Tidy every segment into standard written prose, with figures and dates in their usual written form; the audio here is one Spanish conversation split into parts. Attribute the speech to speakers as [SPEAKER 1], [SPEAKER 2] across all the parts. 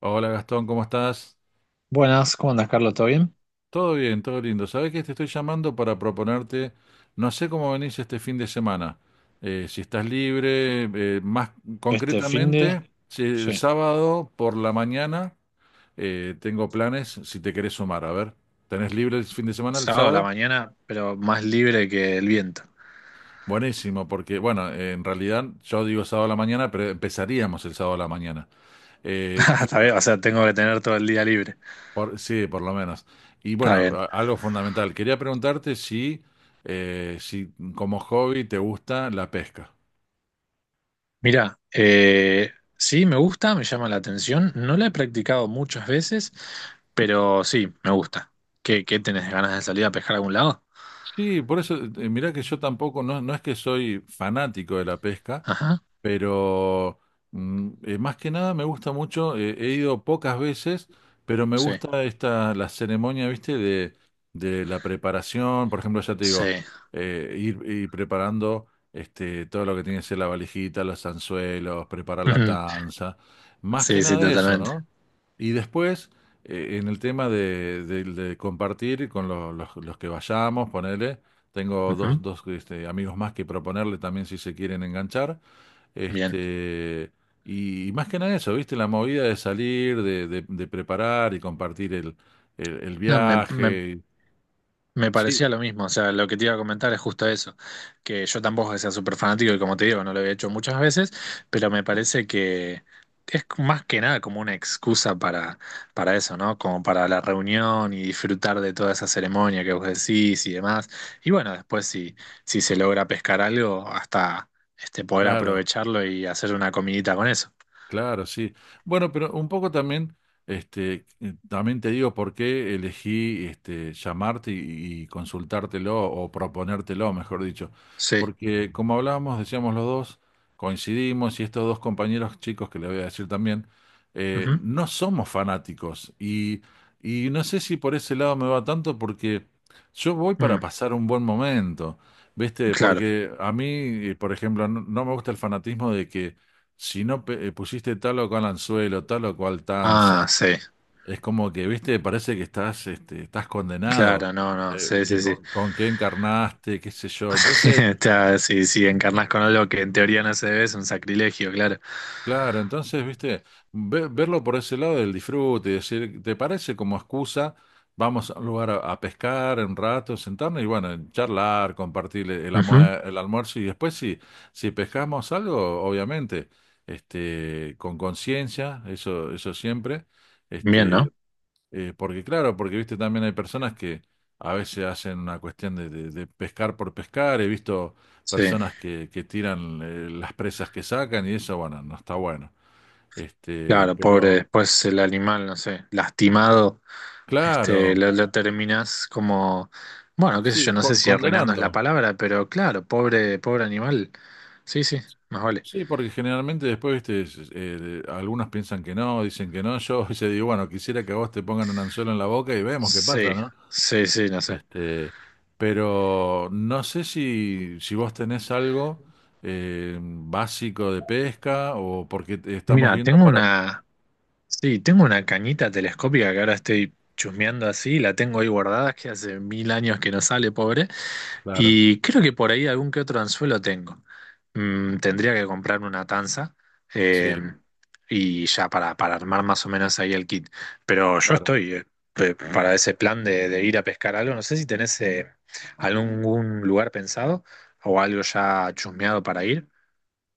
[SPEAKER 1] Hola Gastón, ¿cómo estás?
[SPEAKER 2] Buenas, ¿cómo andas, Carlos? ¿Todo bien?
[SPEAKER 1] Todo bien, todo lindo. Sabes que te estoy llamando para proponerte, no sé cómo venís este fin de semana. Si estás libre, más
[SPEAKER 2] Este fin de...
[SPEAKER 1] concretamente, si el
[SPEAKER 2] Sí,
[SPEAKER 1] sábado por la mañana tengo planes, si te querés sumar, a ver. ¿Tenés libre el fin de semana el
[SPEAKER 2] sábado a la
[SPEAKER 1] sábado?
[SPEAKER 2] mañana, pero más libre que el viento.
[SPEAKER 1] Buenísimo, porque bueno, en realidad yo digo sábado a la mañana, pero empezaríamos el sábado a la mañana. Eh, y
[SPEAKER 2] Está
[SPEAKER 1] bueno,
[SPEAKER 2] bien, o sea, tengo que tener todo el día libre.
[SPEAKER 1] Sí, por lo menos. Y
[SPEAKER 2] Está
[SPEAKER 1] bueno,
[SPEAKER 2] bien.
[SPEAKER 1] algo fundamental. Quería preguntarte si, si como hobby te gusta la pesca.
[SPEAKER 2] Mira, sí, me gusta, me llama la atención. No la he practicado muchas veces, pero sí, me gusta. ¿¿Qué, tenés ganas de salir a pescar a algún lado?
[SPEAKER 1] Sí, por eso, mirá que yo tampoco, no, no es que soy fanático de la pesca,
[SPEAKER 2] Ajá,
[SPEAKER 1] pero más que nada me gusta mucho, he ido pocas veces, pero me
[SPEAKER 2] sí,
[SPEAKER 1] gusta esta, la ceremonia, ¿viste? De la preparación, por ejemplo, ya te digo,
[SPEAKER 2] sí.
[SPEAKER 1] ir preparando este, todo lo que tiene que ser la valijita, los anzuelos, preparar la tanza, más
[SPEAKER 2] Sí,
[SPEAKER 1] que
[SPEAKER 2] sí,
[SPEAKER 1] nada eso,
[SPEAKER 2] totalmente.
[SPEAKER 1] ¿no? Y después, en el tema de, de compartir con los, los que vayamos, ponele, tengo dos,
[SPEAKER 2] Ujú.
[SPEAKER 1] dos este, amigos más que proponerle también si se quieren enganchar.
[SPEAKER 2] Bien.
[SPEAKER 1] Este, y más que nada eso, ¿viste? La movida de salir, de, de preparar y compartir el, el
[SPEAKER 2] No.
[SPEAKER 1] viaje.
[SPEAKER 2] Me
[SPEAKER 1] Sí,
[SPEAKER 2] parecía lo mismo, o sea, lo que te iba a comentar es justo eso, que yo tampoco sea súper fanático y como te digo, no lo había hecho muchas veces, pero me parece que es más que nada como una excusa para eso, ¿no? Como para la reunión y disfrutar de toda esa ceremonia que vos decís y demás. Y bueno, después si, si se logra pescar algo, hasta este, poder
[SPEAKER 1] claro.
[SPEAKER 2] aprovecharlo y hacer una comidita con eso.
[SPEAKER 1] Claro, sí. Bueno, pero un poco también, este, también te digo por qué elegí este, llamarte y consultártelo o proponértelo, mejor dicho.
[SPEAKER 2] Sí.
[SPEAKER 1] Porque como hablábamos, decíamos los dos, coincidimos y estos dos compañeros chicos que le voy a decir también,
[SPEAKER 2] Ujú.
[SPEAKER 1] no somos fanáticos. Y no sé si por ese lado me va tanto porque yo voy para
[SPEAKER 2] Mm,
[SPEAKER 1] pasar un buen momento, ¿viste?
[SPEAKER 2] claro.
[SPEAKER 1] Porque a mí, por ejemplo, no me gusta el fanatismo de que si no pusiste tal o cual anzuelo, tal o cual
[SPEAKER 2] Ah,
[SPEAKER 1] tanza,
[SPEAKER 2] sí.
[SPEAKER 1] es como que, viste, parece que estás, este, estás condenado,
[SPEAKER 2] Claro, no, no, sí,
[SPEAKER 1] que
[SPEAKER 2] sí, sí.
[SPEAKER 1] con qué encarnaste, qué sé yo. Entonces,
[SPEAKER 2] Está, si, si encarnas con algo que en teoría no se debe, es un sacrilegio, claro.
[SPEAKER 1] claro, entonces, viste, verlo por ese lado del disfrute y decir, ¿te parece como excusa? Vamos a un lugar a pescar un rato, sentarnos y bueno, charlar, compartir el,
[SPEAKER 2] Ujú.
[SPEAKER 1] el almuerzo y después si, si pescamos algo, obviamente, este, con conciencia, eso siempre.
[SPEAKER 2] Bien,
[SPEAKER 1] Este,
[SPEAKER 2] ¿no?
[SPEAKER 1] Porque claro, porque viste también hay personas que a veces hacen una cuestión de, de pescar por pescar. He visto
[SPEAKER 2] Sí,
[SPEAKER 1] personas que tiran las presas que sacan y eso, bueno, no está bueno. Este,
[SPEAKER 2] claro, pobre,
[SPEAKER 1] pero
[SPEAKER 2] después el animal, no sé, lastimado, este,
[SPEAKER 1] claro,
[SPEAKER 2] lo terminas como, bueno, qué sé yo,
[SPEAKER 1] sí,
[SPEAKER 2] no sé si arruinando es la
[SPEAKER 1] condenando.
[SPEAKER 2] palabra, pero claro, pobre, pobre animal. Sí, sí, más vale.
[SPEAKER 1] Sí, porque generalmente después, viste, es, algunos piensan que no, dicen que no. Yo se digo, bueno, quisiera que a vos te pongan un anzuelo en la boca y vemos qué
[SPEAKER 2] Sí,
[SPEAKER 1] pasa, ¿no?
[SPEAKER 2] sí, sí, no sé.
[SPEAKER 1] Este, pero no sé si, si vos tenés algo básico de pesca o porque estamos
[SPEAKER 2] Mira,
[SPEAKER 1] viendo para...
[SPEAKER 2] sí, tengo una cañita telescópica que ahora estoy chusmeando así, la tengo ahí guardada, que hace mil años que no sale, pobre.
[SPEAKER 1] Claro,
[SPEAKER 2] Y creo que por ahí algún que otro anzuelo tengo. Mm, tendría que comprarme una tanza eh,
[SPEAKER 1] sí,
[SPEAKER 2] y ya para armar más o menos ahí el kit. Pero yo
[SPEAKER 1] claro.
[SPEAKER 2] estoy para ese plan de ir a pescar algo. No sé si tenés algún lugar pensado o algo ya chusmeado para ir.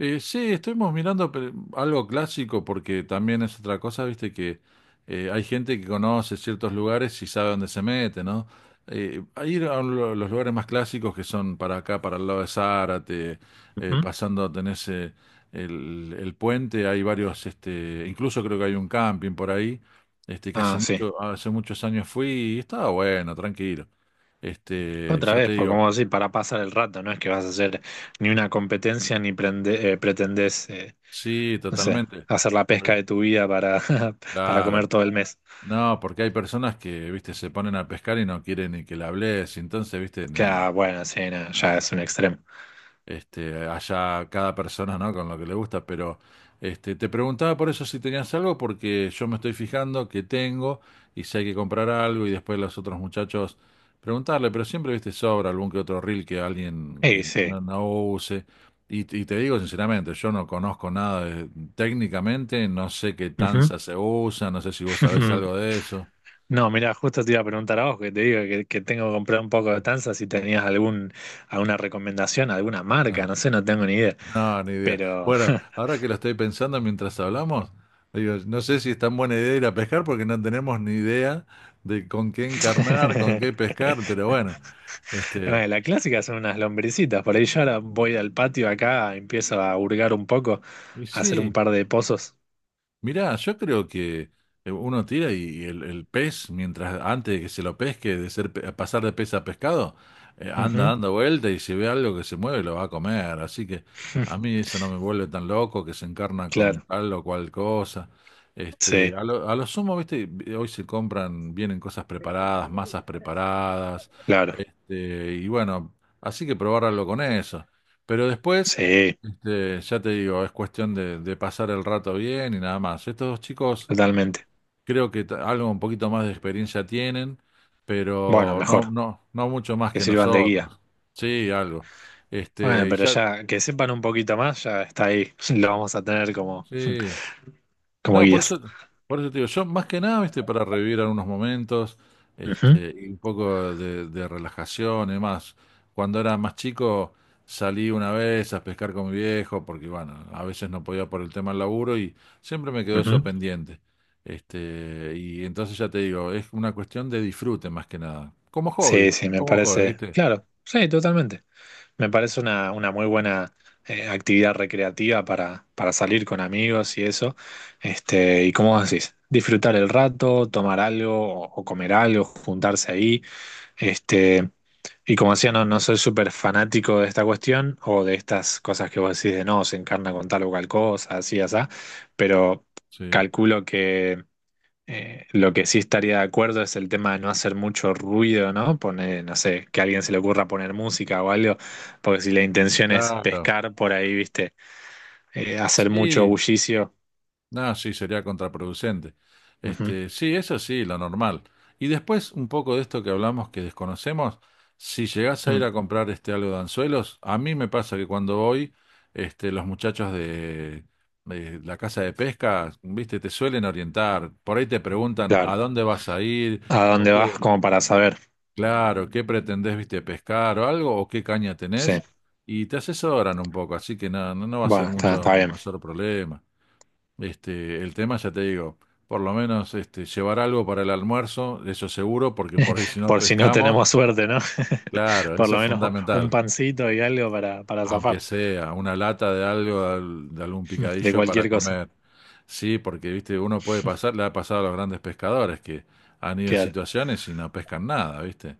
[SPEAKER 1] Sí, estuvimos mirando algo clásico porque también es otra cosa, viste, que hay gente que conoce ciertos lugares y sabe dónde se mete, ¿no? A ir a un los lugares más clásicos que son para acá, para el lado de Zárate,
[SPEAKER 2] Ujú.
[SPEAKER 1] pasando, tenés el puente, hay varios, este, incluso creo que hay un camping por ahí, este, que hace
[SPEAKER 2] Ah, sí.
[SPEAKER 1] mucho, hace muchos años fui y estaba bueno, tranquilo. Este,
[SPEAKER 2] Otra
[SPEAKER 1] ya te
[SPEAKER 2] vez, porque
[SPEAKER 1] digo,
[SPEAKER 2] como decir, para pasar el rato, no es que vas a hacer ni una competencia ni pretendés,
[SPEAKER 1] sí,
[SPEAKER 2] no sé,
[SPEAKER 1] totalmente.
[SPEAKER 2] hacer la pesca
[SPEAKER 1] Por-
[SPEAKER 2] de tu vida para, para comer
[SPEAKER 1] Claro.
[SPEAKER 2] todo el mes.
[SPEAKER 1] No, porque hay personas que, viste, se ponen a pescar y no quieren ni que le hables, y entonces, viste, nada.
[SPEAKER 2] Ya, bueno, sí, no, ya es un extremo.
[SPEAKER 1] Este, allá cada persona, ¿no? Con lo que le gusta, pero este, te preguntaba por eso si tenías algo, porque yo me estoy fijando que tengo y si hay que comprar algo y después los otros muchachos preguntarle, pero siempre, viste, sobra algún que otro reel que alguien
[SPEAKER 2] Sí, sí.
[SPEAKER 1] no use. Y te digo sinceramente, yo no conozco nada de- técnicamente, no sé qué
[SPEAKER 2] Ujú.
[SPEAKER 1] tanza se usa, no sé si vos sabés algo de eso.
[SPEAKER 2] No, mira, justo te iba a preguntar a vos, que te digo que tengo que comprar un poco de tanza, si tenías algún, alguna recomendación, alguna marca,
[SPEAKER 1] Ah.
[SPEAKER 2] no sé, no tengo ni idea.
[SPEAKER 1] No, ni idea.
[SPEAKER 2] Pero
[SPEAKER 1] Bueno, ahora que lo estoy pensando mientras hablamos, digo, no sé si es tan buena idea ir a pescar porque no tenemos ni idea de con qué encarnar, con qué pescar, pero bueno, este,
[SPEAKER 2] bueno, la clásica son unas lombricitas, por ahí yo ahora voy al patio acá, empiezo a hurgar un poco,
[SPEAKER 1] y
[SPEAKER 2] a hacer un
[SPEAKER 1] sí.
[SPEAKER 2] par de pozos.
[SPEAKER 1] Mirá, yo creo que uno tira y el pez, mientras antes de que se lo pesque, de ser, pasar de pez a pescado, anda
[SPEAKER 2] Ujú.
[SPEAKER 1] dando vuelta y si ve algo que se mueve lo va a comer. Así que a mí eso no me vuelve tan loco, que se encarna con
[SPEAKER 2] Claro,
[SPEAKER 1] tal o cual cosa. Este,
[SPEAKER 2] sí,
[SPEAKER 1] a lo sumo, viste, hoy se compran, vienen cosas preparadas, masas preparadas,
[SPEAKER 2] claro,
[SPEAKER 1] este, y bueno, así que probar algo con eso. Pero después...
[SPEAKER 2] sí,
[SPEAKER 1] Este, ya te digo, es cuestión de pasar el rato bien y nada más. Estos dos chicos
[SPEAKER 2] totalmente.
[SPEAKER 1] creo que algo un poquito más de experiencia tienen,
[SPEAKER 2] Bueno,
[SPEAKER 1] pero no,
[SPEAKER 2] mejor,
[SPEAKER 1] no, no mucho más
[SPEAKER 2] que
[SPEAKER 1] que
[SPEAKER 2] sirvan de guía.
[SPEAKER 1] nosotros. Sí, algo.
[SPEAKER 2] Bueno,
[SPEAKER 1] Este, y
[SPEAKER 2] pero
[SPEAKER 1] ya,
[SPEAKER 2] ya que sepan un poquito más, ya está ahí. Lo vamos a tener como,
[SPEAKER 1] sí.
[SPEAKER 2] como
[SPEAKER 1] No,
[SPEAKER 2] guías.
[SPEAKER 1] por eso te digo, yo más que nada, viste, para revivir algunos momentos,
[SPEAKER 2] Ujú,
[SPEAKER 1] este, y un poco de relajación y demás. Cuando era más chico, salí una vez a pescar con mi viejo, porque bueno, a veces no podía por el tema del laburo y siempre me quedó eso
[SPEAKER 2] ujú.
[SPEAKER 1] pendiente. Este, y entonces ya te digo, es una cuestión de disfrute más que nada.
[SPEAKER 2] Sí, sí, me
[SPEAKER 1] Como hobby,
[SPEAKER 2] parece.
[SPEAKER 1] ¿viste?
[SPEAKER 2] Claro, sí, totalmente. Me parece una muy buena actividad recreativa para salir con amigos y eso. Este, y como decís, disfrutar el rato, tomar algo o comer algo, juntarse ahí. Este, y como decía, no, no soy súper fanático de esta cuestión o de estas cosas que vos decís de no, se encarna con tal o cual cosa, así, así, pero
[SPEAKER 1] Sí,
[SPEAKER 2] calculo que... lo que sí estaría de acuerdo es el tema de no hacer mucho ruido, ¿no? Poner, no sé, que a alguien se le ocurra poner música o algo. Porque si la intención es
[SPEAKER 1] claro.
[SPEAKER 2] pescar por ahí, viste, hacer mucho
[SPEAKER 1] Sí,
[SPEAKER 2] bullicio.
[SPEAKER 1] no, sí, sería contraproducente.
[SPEAKER 2] Ujú.
[SPEAKER 1] Este, sí, eso sí, lo normal. Y después, un poco de esto que hablamos que desconocemos, si llegás a ir
[SPEAKER 2] Mm.
[SPEAKER 1] a comprar este algo de anzuelos, a mí me pasa que cuando voy, este, los muchachos de la casa de pesca, viste, te suelen orientar. Por ahí te preguntan a
[SPEAKER 2] Claro.
[SPEAKER 1] dónde vas a ir,
[SPEAKER 2] ¿A
[SPEAKER 1] o
[SPEAKER 2] dónde vas?
[SPEAKER 1] qué,
[SPEAKER 2] Como para saber.
[SPEAKER 1] claro, qué pretendés, viste, pescar o algo, o qué caña tenés,
[SPEAKER 2] Sí.
[SPEAKER 1] y te asesoran un poco, así que no, no va a ser
[SPEAKER 2] Bueno, está, está
[SPEAKER 1] mucho
[SPEAKER 2] bien.
[SPEAKER 1] mayor problema. Este, el tema ya te digo, por lo menos este, llevar algo para el almuerzo, eso seguro, porque por ahí si no
[SPEAKER 2] Por si no
[SPEAKER 1] pescamos,
[SPEAKER 2] tenemos suerte, ¿no?
[SPEAKER 1] claro,
[SPEAKER 2] Por
[SPEAKER 1] eso
[SPEAKER 2] lo
[SPEAKER 1] es
[SPEAKER 2] menos un
[SPEAKER 1] fundamental,
[SPEAKER 2] pancito y algo para
[SPEAKER 1] aunque
[SPEAKER 2] zafar
[SPEAKER 1] sea una lata de algo, de de algún
[SPEAKER 2] de
[SPEAKER 1] picadillo para
[SPEAKER 2] cualquier cosa.
[SPEAKER 1] comer. Sí, porque viste, uno puede pasar, le ha pasado a los grandes pescadores que han ido en
[SPEAKER 2] Claro.
[SPEAKER 1] situaciones y no pescan nada, ¿viste?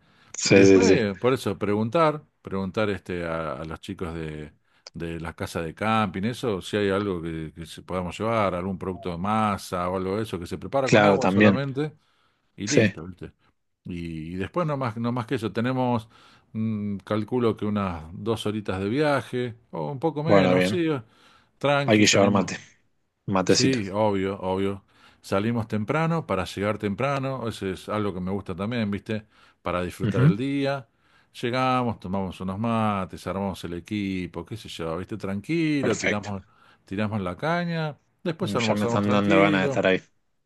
[SPEAKER 1] Y
[SPEAKER 2] Sí, sí, sí.
[SPEAKER 1] después, por eso, preguntar este, a los chicos de las casas de camping, eso, si hay algo que se podamos llevar, algún producto de masa o algo de eso, que se prepara con
[SPEAKER 2] Claro,
[SPEAKER 1] agua
[SPEAKER 2] también.
[SPEAKER 1] solamente y
[SPEAKER 2] Sí.
[SPEAKER 1] listo, ¿viste? Y después no más, no más que eso, tenemos, calculo que unas dos horitas de viaje, o un poco
[SPEAKER 2] Bueno,
[SPEAKER 1] menos,
[SPEAKER 2] bien.
[SPEAKER 1] sí,
[SPEAKER 2] Hay
[SPEAKER 1] tranqui,
[SPEAKER 2] que llevar
[SPEAKER 1] salimos.
[SPEAKER 2] mate. Matecito.
[SPEAKER 1] Sí, obvio, obvio. Salimos temprano para llegar temprano, eso es algo que me gusta también, ¿viste? Para disfrutar
[SPEAKER 2] Ujú.
[SPEAKER 1] el día. Llegamos, tomamos unos mates, armamos el equipo, qué sé yo, ¿viste? Tranquilo,
[SPEAKER 2] Perfecto.
[SPEAKER 1] tiramos la caña, después
[SPEAKER 2] Ya me
[SPEAKER 1] almorzamos
[SPEAKER 2] están dando ganas de
[SPEAKER 1] tranquilo.
[SPEAKER 2] estar ahí.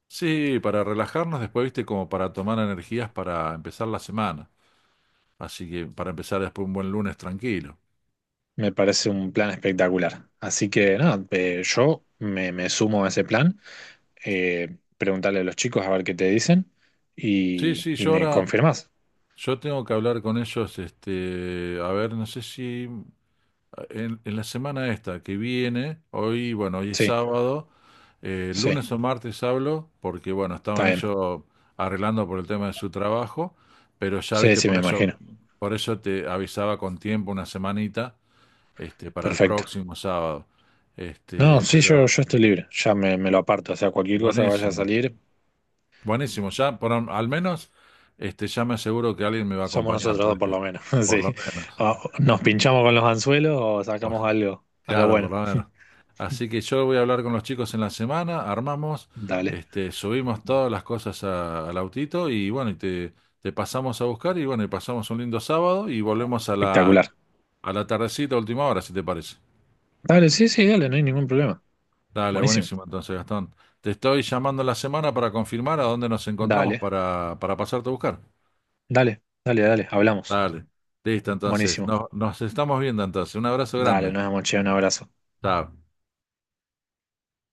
[SPEAKER 1] Sí, para relajarnos, después, ¿viste? Como para tomar energías para empezar la semana. Así que para empezar después un buen lunes tranquilo.
[SPEAKER 2] Me parece un plan espectacular. Así que nada, yo me sumo a ese plan. Preguntarle a los chicos a ver qué te dicen
[SPEAKER 1] Sí, sí,
[SPEAKER 2] y
[SPEAKER 1] yo
[SPEAKER 2] me
[SPEAKER 1] ahora
[SPEAKER 2] confirmás.
[SPEAKER 1] yo tengo que hablar con ellos, este, a ver, no sé si en la semana esta que viene, hoy, bueno, hoy es
[SPEAKER 2] Sí,
[SPEAKER 1] sábado,
[SPEAKER 2] sí,
[SPEAKER 1] lunes o martes hablo, porque bueno,
[SPEAKER 2] está
[SPEAKER 1] estaban
[SPEAKER 2] bien.
[SPEAKER 1] ellos arreglando por el tema de su trabajo, pero ya
[SPEAKER 2] Sí,
[SPEAKER 1] viste,
[SPEAKER 2] sí, me imagino.
[SPEAKER 1] por eso te avisaba con tiempo una semanita, este, para el
[SPEAKER 2] Perfecto.
[SPEAKER 1] próximo sábado.
[SPEAKER 2] No,
[SPEAKER 1] Este,
[SPEAKER 2] sí,
[SPEAKER 1] pero
[SPEAKER 2] yo estoy libre. Me lo aparto. O sea, cualquier cosa que vaya a
[SPEAKER 1] buenísimo,
[SPEAKER 2] salir,
[SPEAKER 1] buenísimo. Ya, por, al menos, este, ya me aseguro que alguien me va a
[SPEAKER 2] somos nosotros
[SPEAKER 1] acompañar, por
[SPEAKER 2] dos por
[SPEAKER 1] este,
[SPEAKER 2] lo menos.
[SPEAKER 1] por
[SPEAKER 2] Sí.
[SPEAKER 1] lo menos.
[SPEAKER 2] O nos pinchamos con los anzuelos o
[SPEAKER 1] Bueno,
[SPEAKER 2] sacamos algo, algo
[SPEAKER 1] claro, por
[SPEAKER 2] bueno.
[SPEAKER 1] lo menos. Así que yo voy a hablar con los chicos en la semana, armamos,
[SPEAKER 2] Dale,
[SPEAKER 1] este, subimos todas las cosas al autito y bueno, y te pasamos a buscar y bueno, y pasamos un lindo sábado y volvemos
[SPEAKER 2] espectacular.
[SPEAKER 1] a la tardecita, última hora, si te parece.
[SPEAKER 2] Dale, sí, sí, dale, no hay ningún problema.
[SPEAKER 1] Dale,
[SPEAKER 2] Buenísimo.
[SPEAKER 1] buenísimo entonces, Gastón. Te estoy llamando en la semana para confirmar a dónde nos encontramos
[SPEAKER 2] Dale.
[SPEAKER 1] para pasarte a buscar.
[SPEAKER 2] Dale, dale, dale, hablamos.
[SPEAKER 1] Dale. Listo, entonces.
[SPEAKER 2] Buenísimo.
[SPEAKER 1] Nos, nos estamos viendo entonces. Un abrazo
[SPEAKER 2] Dale,
[SPEAKER 1] grande.
[SPEAKER 2] nos vemos, che, un abrazo.
[SPEAKER 1] Chao.